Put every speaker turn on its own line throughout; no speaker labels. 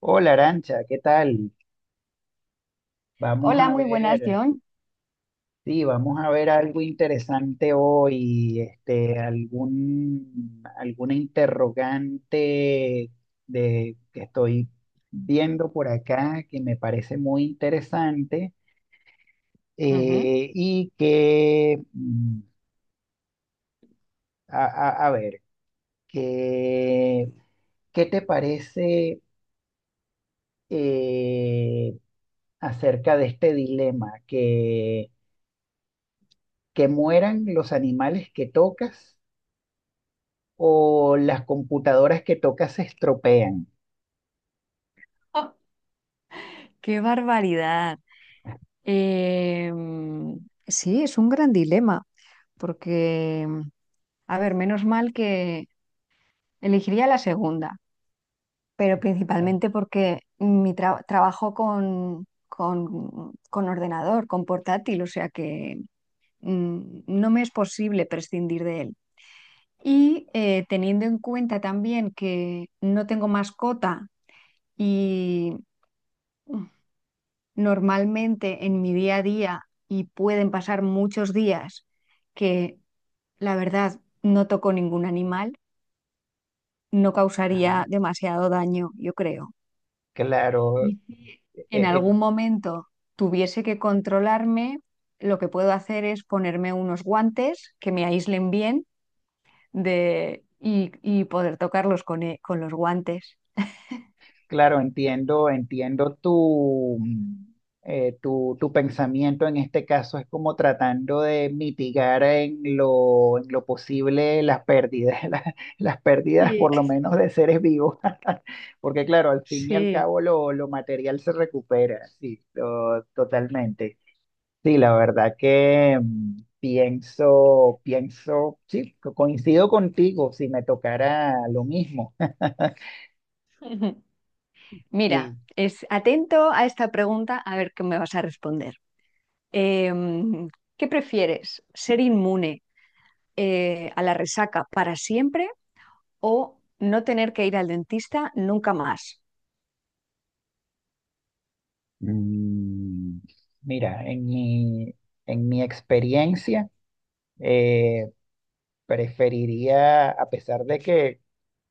Hola Arancha, ¿qué tal? Vamos
Hola,
a
muy buenas,
ver,
John.
sí, vamos a ver algo interesante hoy, este, algún, alguna interrogante de, que estoy viendo por acá que me parece muy interesante y que, a, a- a ver, que, ¿qué te parece eh, acerca de este dilema que mueran los animales que tocas o las computadoras que tocas se estropean.
¡Oh! ¡Qué barbaridad! Em, sí, es un gran dilema, porque, a ver, menos mal que elegiría la segunda, pero
Claro,
principalmente porque mi trabajo con, con ordenador, con portátil, o sea que mm, no me es posible prescindir de él. Y teniendo en cuenta también que no tengo mascota y normalmente en mi día a día y pueden pasar muchos días que la verdad no toco ningún animal, no causaría
ajá,
demasiado daño, yo creo.
claro,
Y si
eh,
en
eh,
algún momento tuviese que controlarme, lo que puedo hacer es ponerme unos guantes que me aíslen bien de, y poder tocarlos con, con los guantes.
claro, entiendo, entiendo tu, tu, tu pensamiento en este caso es como tratando de mitigar en lo posible las pérdidas, las pérdidas
Sí.
por lo menos de seres vivos, porque claro, al fin y al
Sí.
cabo lo material se recupera, sí, to- totalmente. Sí, la verdad que pienso, pienso, sí, co- coincido contigo si me tocara lo mismo.
Mira,
Sí.
es atento a esta pregunta a ver qué me vas a responder. Em, ¿Qué prefieres? ¿Ser inmune a la resaca para siempre o no tener que ir al dentista nunca más?
Mm, mira, en mi experiencia, eh, preferiría, a pesar de que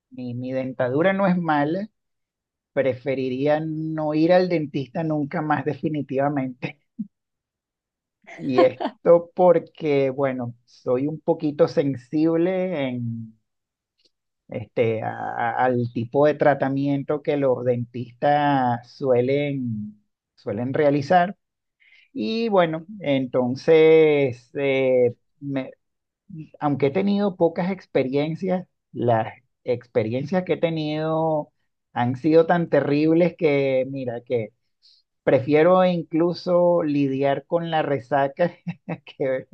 mi dentadura no es mala, preferiría no ir al dentista nunca más definitivamente. Y esto porque, bueno, soy un poquito sensible en este, a- al tipo de tratamiento que los dentistas suelen, suelen realizar. Y bueno, entonces, me- aunque he tenido pocas experiencias, las experiencias que he tenido han sido tan terribles que, mira, que prefiero incluso lidiar con la resaca, que,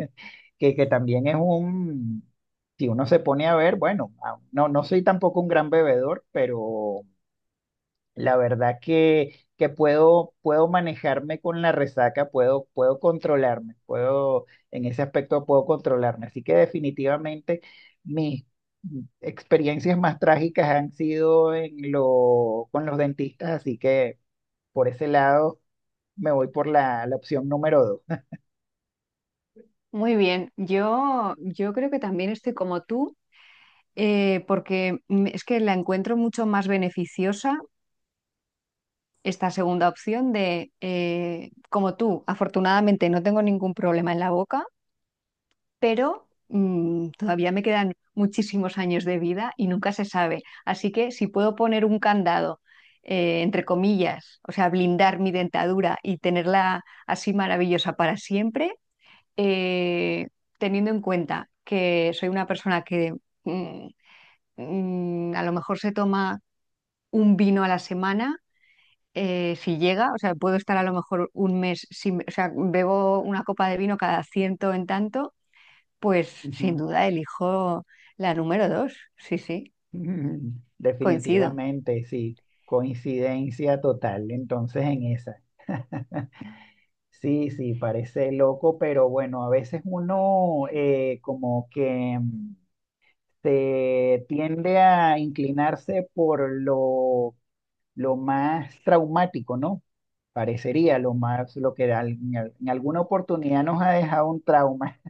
que también es un, si uno se pone a ver, bueno, a- no, no soy tampoco un gran bebedor, pero la verdad que puedo, puedo manejarme con la resaca, puedo, puedo controlarme, puedo, en ese aspecto puedo controlarme. Así que definitivamente mis experiencias más trágicas han sido en lo, con los dentistas, así que por ese lado me voy por la, la opción número dos.
Muy bien, yo creo que también estoy como tú, porque es que la encuentro mucho más beneficiosa esta segunda opción de, como tú, afortunadamente no tengo ningún problema en la boca, pero todavía me quedan muchísimos años de vida y nunca se sabe. Así que si puedo poner un candado, entre comillas, o sea, blindar mi dentadura y tenerla así maravillosa para siempre, eh, teniendo en cuenta que soy una persona que mm, a lo mejor se toma un vino a la semana. Si llega, o sea, puedo estar a lo mejor un mes sin, o sea, bebo una copa de vino cada ciento en tanto, pues sin
Ujú.
duda elijo la número dos. Sí, sí, coincido.
Definitivamente, sí, coincidencia total, entonces en esa. Sí, sí, parece loco, pero bueno, a veces uno como que se tiende a inclinarse por lo más traumático, ¿no? Parecería lo más, lo que al- en, al- en alguna oportunidad nos ha dejado un trauma.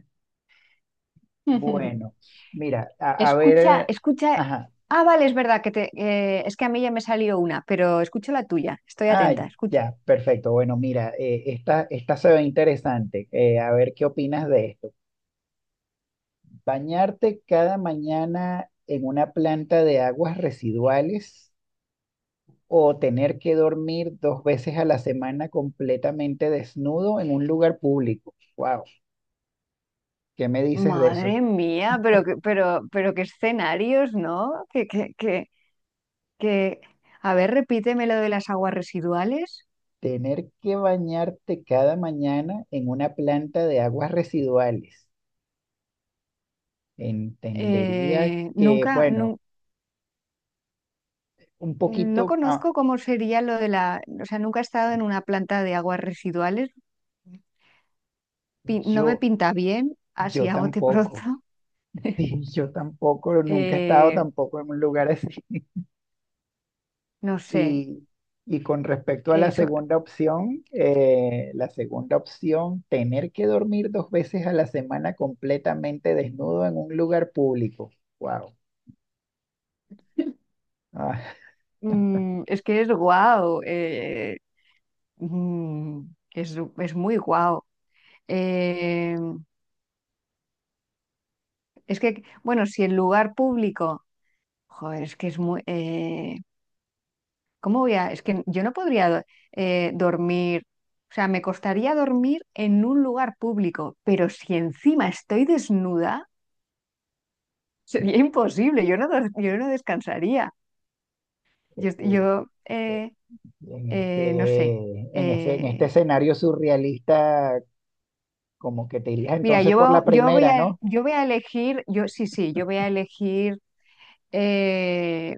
Bueno, mira, a
Escucha,
ver,
escucha.
ajá,
Ah, vale, es verdad que es que a mí ya me salió una, pero escucho la tuya. Estoy
ah,
atenta, escucho.
ya, perfecto. Bueno, mira, esta, esta se ve interesante. A ver qué opinas de esto. Bañarte cada mañana en una planta de aguas residuales o tener que dormir dos veces a la semana completamente desnudo en un lugar público. Wow, ¿qué me dices de eso?
Madre mía, pero que, pero qué escenarios, ¿no? Que... A ver, repíteme lo de las aguas residuales.
Tener que bañarte cada mañana en una planta de aguas residuales. Entendería que,
Nunca,
bueno,
nu-
un
No
poquito, ah,
conozco cómo sería lo de la, o sea, nunca he estado en una planta de aguas residuales. No me
yo,
pinta bien,
yo
así a bote pronto.
tampoco. Sí, yo tampoco, nunca he estado
Eh,
tampoco en un lugar así.
no sé,
Y, y con respecto a
eso,
la segunda opción, tener que dormir dos veces a la semana completamente desnudo en un lugar público. Wow. Ah,
es que es guau, mm, es muy guau. Eh, es que, bueno, si el lugar público, joder, es que es muy... ¿cómo voy a...? Es que yo no podría dormir, o sea, me costaría dormir en un lugar público, pero si encima estoy desnuda, sería imposible, yo no, yo no descansaría. Yo,
eh,
yo
eh, en
No sé.
ese, en ese, en este
Eh,
escenario surrealista, como que te irías
Mira,
entonces por la primera, ¿no?
yo voy a elegir, yo sí, sí, yo voy a elegir, eh,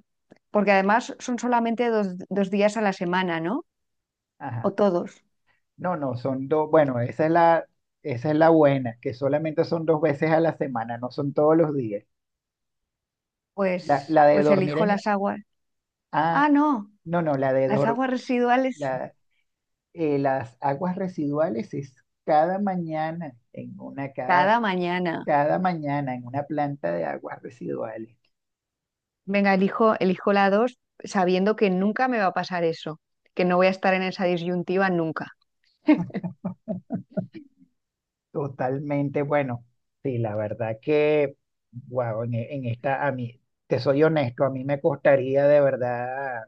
porque además son solamente dos, dos días a la semana, ¿no? O
Ajá.
todos.
No, no, son dos. Bueno, esa es la buena, que solamente son dos veces a la semana, no son todos los días. La,
Pues,
la de
pues
dormir
elijo
en la,
las aguas.
ah,
Ah, no,
no, no, la de
las
dormir
aguas residuales
La- las aguas residuales es cada mañana en una, cada,
cada mañana.
cada mañana en una planta de aguas residuales.
Venga, elijo, elijo la dos sabiendo que nunca me va a pasar eso, que no voy a estar en esa disyuntiva nunca.
Totalmente bueno. Sí, la verdad que, wow, en, e- en esta, a mí, te soy honesto, a mí me costaría de verdad,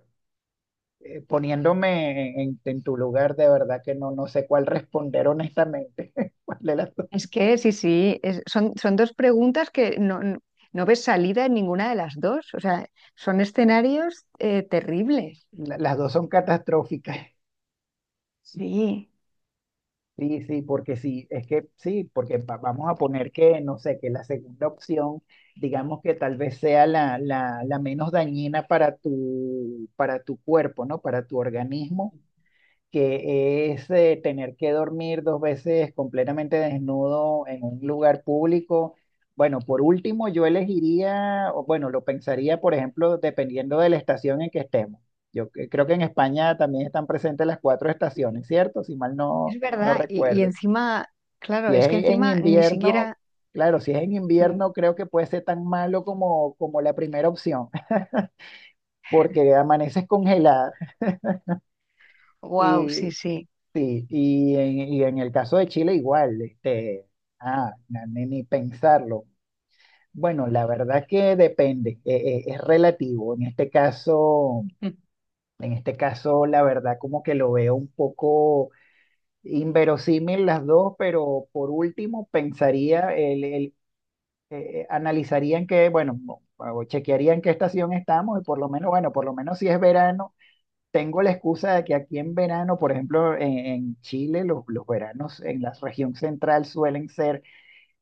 poniéndome en tu lugar, de verdad que no, no sé cuál responder honestamente. ¿Cuál de las dos?
Es que sí, sí, son, son dos preguntas que no, no, no ves salida en ninguna de las dos. O sea, son escenarios terribles.
La- las dos son catastróficas.
Sí.
Sí, sí, porque sí, es que sí, porque va- vamos a poner que, no sé, que la segunda opción, digamos que tal vez sea la, la, la menos dañina para tu cuerpo, ¿no? Para tu organismo, que es tener que dormir dos veces completamente desnudo en un lugar público. Bueno, por último, yo elegiría, o bueno, lo pensaría, por ejemplo, dependiendo de la estación en que estemos. Yo cre- creo que en España también están presentes las cuatro estaciones, ¿cierto? Si mal no,
Es
no
verdad. Y
recuerdo.
encima, claro,
Si
es que
es en
encima ni
invierno,
siquiera...
claro, si es en invierno, creo que puede ser tan malo como, como la primera opción, porque amaneces congelada.
Wow,
Y,
sí, sí.
sí, y en el caso de Chile igual, este, ah, na- ni, ni pensarlo. Bueno, la verdad que depende, es relativo.
Mm.
En este caso, la verdad como que lo veo un poco inverosímil las dos, pero por último pensaría el analizarían que, bueno, o chequearían qué estación estamos y por lo menos, bueno, por lo menos si es verano, tengo la excusa de que aquí en verano, por ejemplo, en Chile, los veranos en la región central suelen ser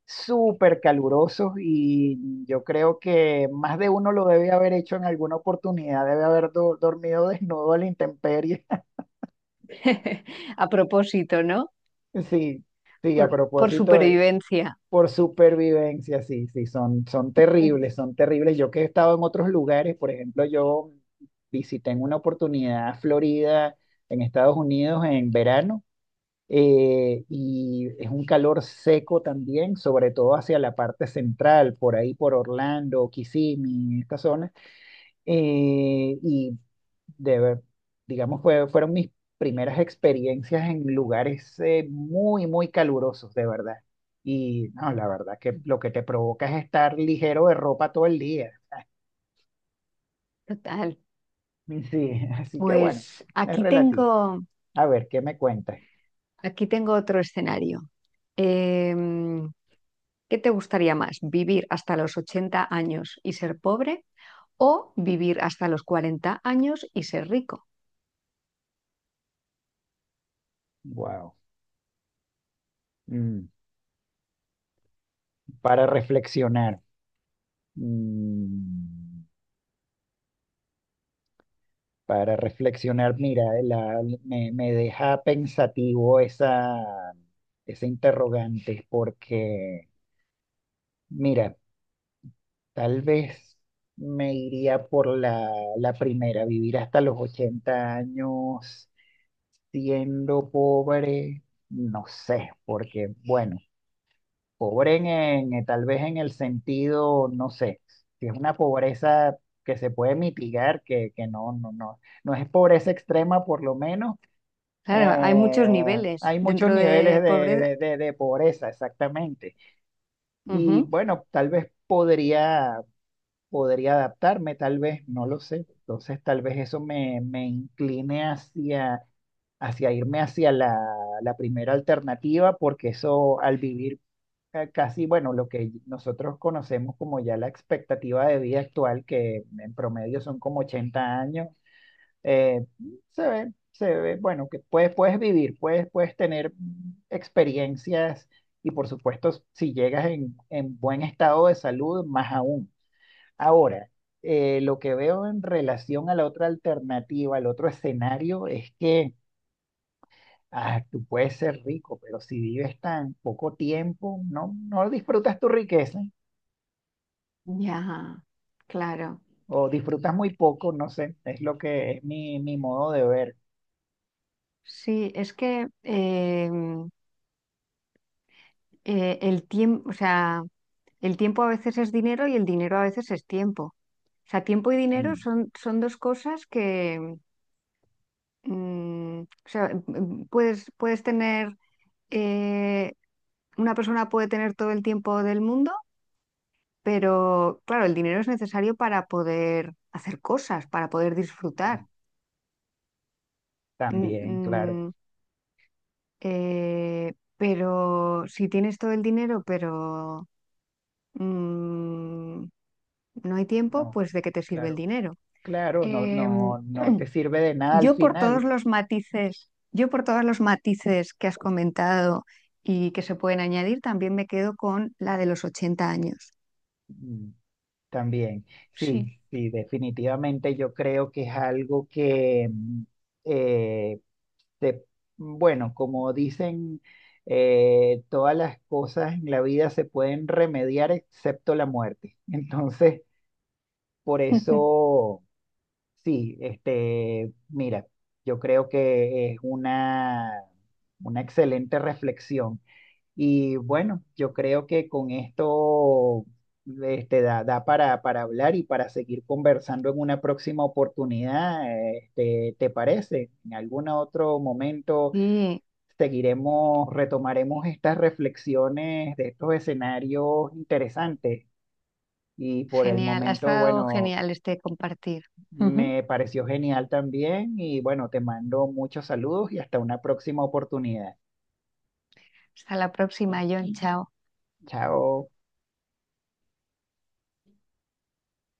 súper calurosos y yo creo que más de uno lo debe haber hecho en alguna oportunidad, debe haber do- dormido desnudo a la intemperie.
A propósito, ¿no?
Sí, sí, a
Por
propósito,
supervivencia.
por supervivencia, sí, sí, son, son terribles, son terribles. Yo que he estado en otros lugares, por ejemplo, yo visité en una oportunidad Florida, en Estados Unidos, en verano, y es un calor seco también, sobre todo hacia la parte central, por ahí por Orlando, Kissimmee, esta zona, y de ver, digamos, fue- fueron mis primeras experiencias en lugares muy, muy calurosos, de verdad. Y no, la verdad que lo que te provoca es estar ligero de ropa todo el día.
Total.
Y sí, así que bueno,
Pues
es relativo. A ver, ¿qué me cuentas?
aquí tengo otro escenario. Em, ¿Qué te gustaría más? ¿Vivir hasta los 80 años y ser pobre o vivir hasta los 40 años y ser rico?
Wow, para reflexionar. mm, para reflexionar, mira, la- me deja pensativo esa, esa interrogante, porque, mira, tal vez me iría por la, la primera, vivir hasta los 80 años siendo pobre, no sé, porque bueno, pobre en- tal vez en el sentido, no sé, si es una pobreza que se puede mitigar, que no, no, no, no es pobreza extrema por lo menos,
Claro, hay muchos
eh,
niveles
hay muchos
dentro
niveles
de
de,
pobreza.
de pobreza, exactamente. Y
Ujú.
bueno, tal vez podría podría adaptarme, tal vez, no lo sé. Entonces, tal vez eso me, me incline hacia, hacia irme hacia la, la primera alternativa, porque eso al vivir ca- casi, bueno, lo que nosotros conocemos como ya la expectativa de vida actual, que en promedio son como 80 años, eh, se ve, bueno, que puedes, puedes vivir, puedes, puedes tener experiencias y por supuesto, si llegas en buen estado de salud, más aún. Ahora, lo que veo en relación a la otra alternativa, al otro escenario, es que ah, tú puedes ser rico, pero si vives tan poco tiempo, no, no disfrutas tu riqueza
Ya, claro.
o disfrutas muy poco, no sé, es lo que es mi, mi modo de ver.
Sí, es que el tiempo, o sea, el tiempo a veces es dinero y el dinero a veces es tiempo. O sea, tiempo y dinero
Mm,
son, son dos cosas que o sea, puedes, puedes tener eh, una persona puede tener todo el tiempo del mundo, pero claro, el dinero es necesario para poder hacer cosas, para poder disfrutar.
mm,
Mm,
También, claro,
mm, pero si tienes todo el dinero, pero mm, no hay tiempo,
no,
pues ¿de qué te sirve el
claro,
dinero?
claro, no,
Em,
no, no te sirve de nada al final.
yo por todos los matices que has comentado y que se pueden añadir, también me quedo con la de los 80 años.
Mm, También, sí,
Sí.
sí, definitivamente yo creo que es algo que... eh, te- bueno, como dicen, todas las cosas en la vida se pueden remediar excepto la muerte. Entonces, por eso, sí, este, mira, yo creo que es una excelente reflexión. Y bueno, yo creo que con esto, este, da, da para hablar y para seguir conversando en una próxima oportunidad. Este, ¿te parece? En algún otro momento
Sí.
seguiremos, retomaremos estas reflexiones de estos escenarios interesantes. Y por el
Genial, ha
momento,
estado
bueno,
genial este compartir. Ujú.
me pareció genial también y bueno, te mando muchos saludos y hasta una próxima oportunidad.
Hasta la próxima, John. Chao.
Chao.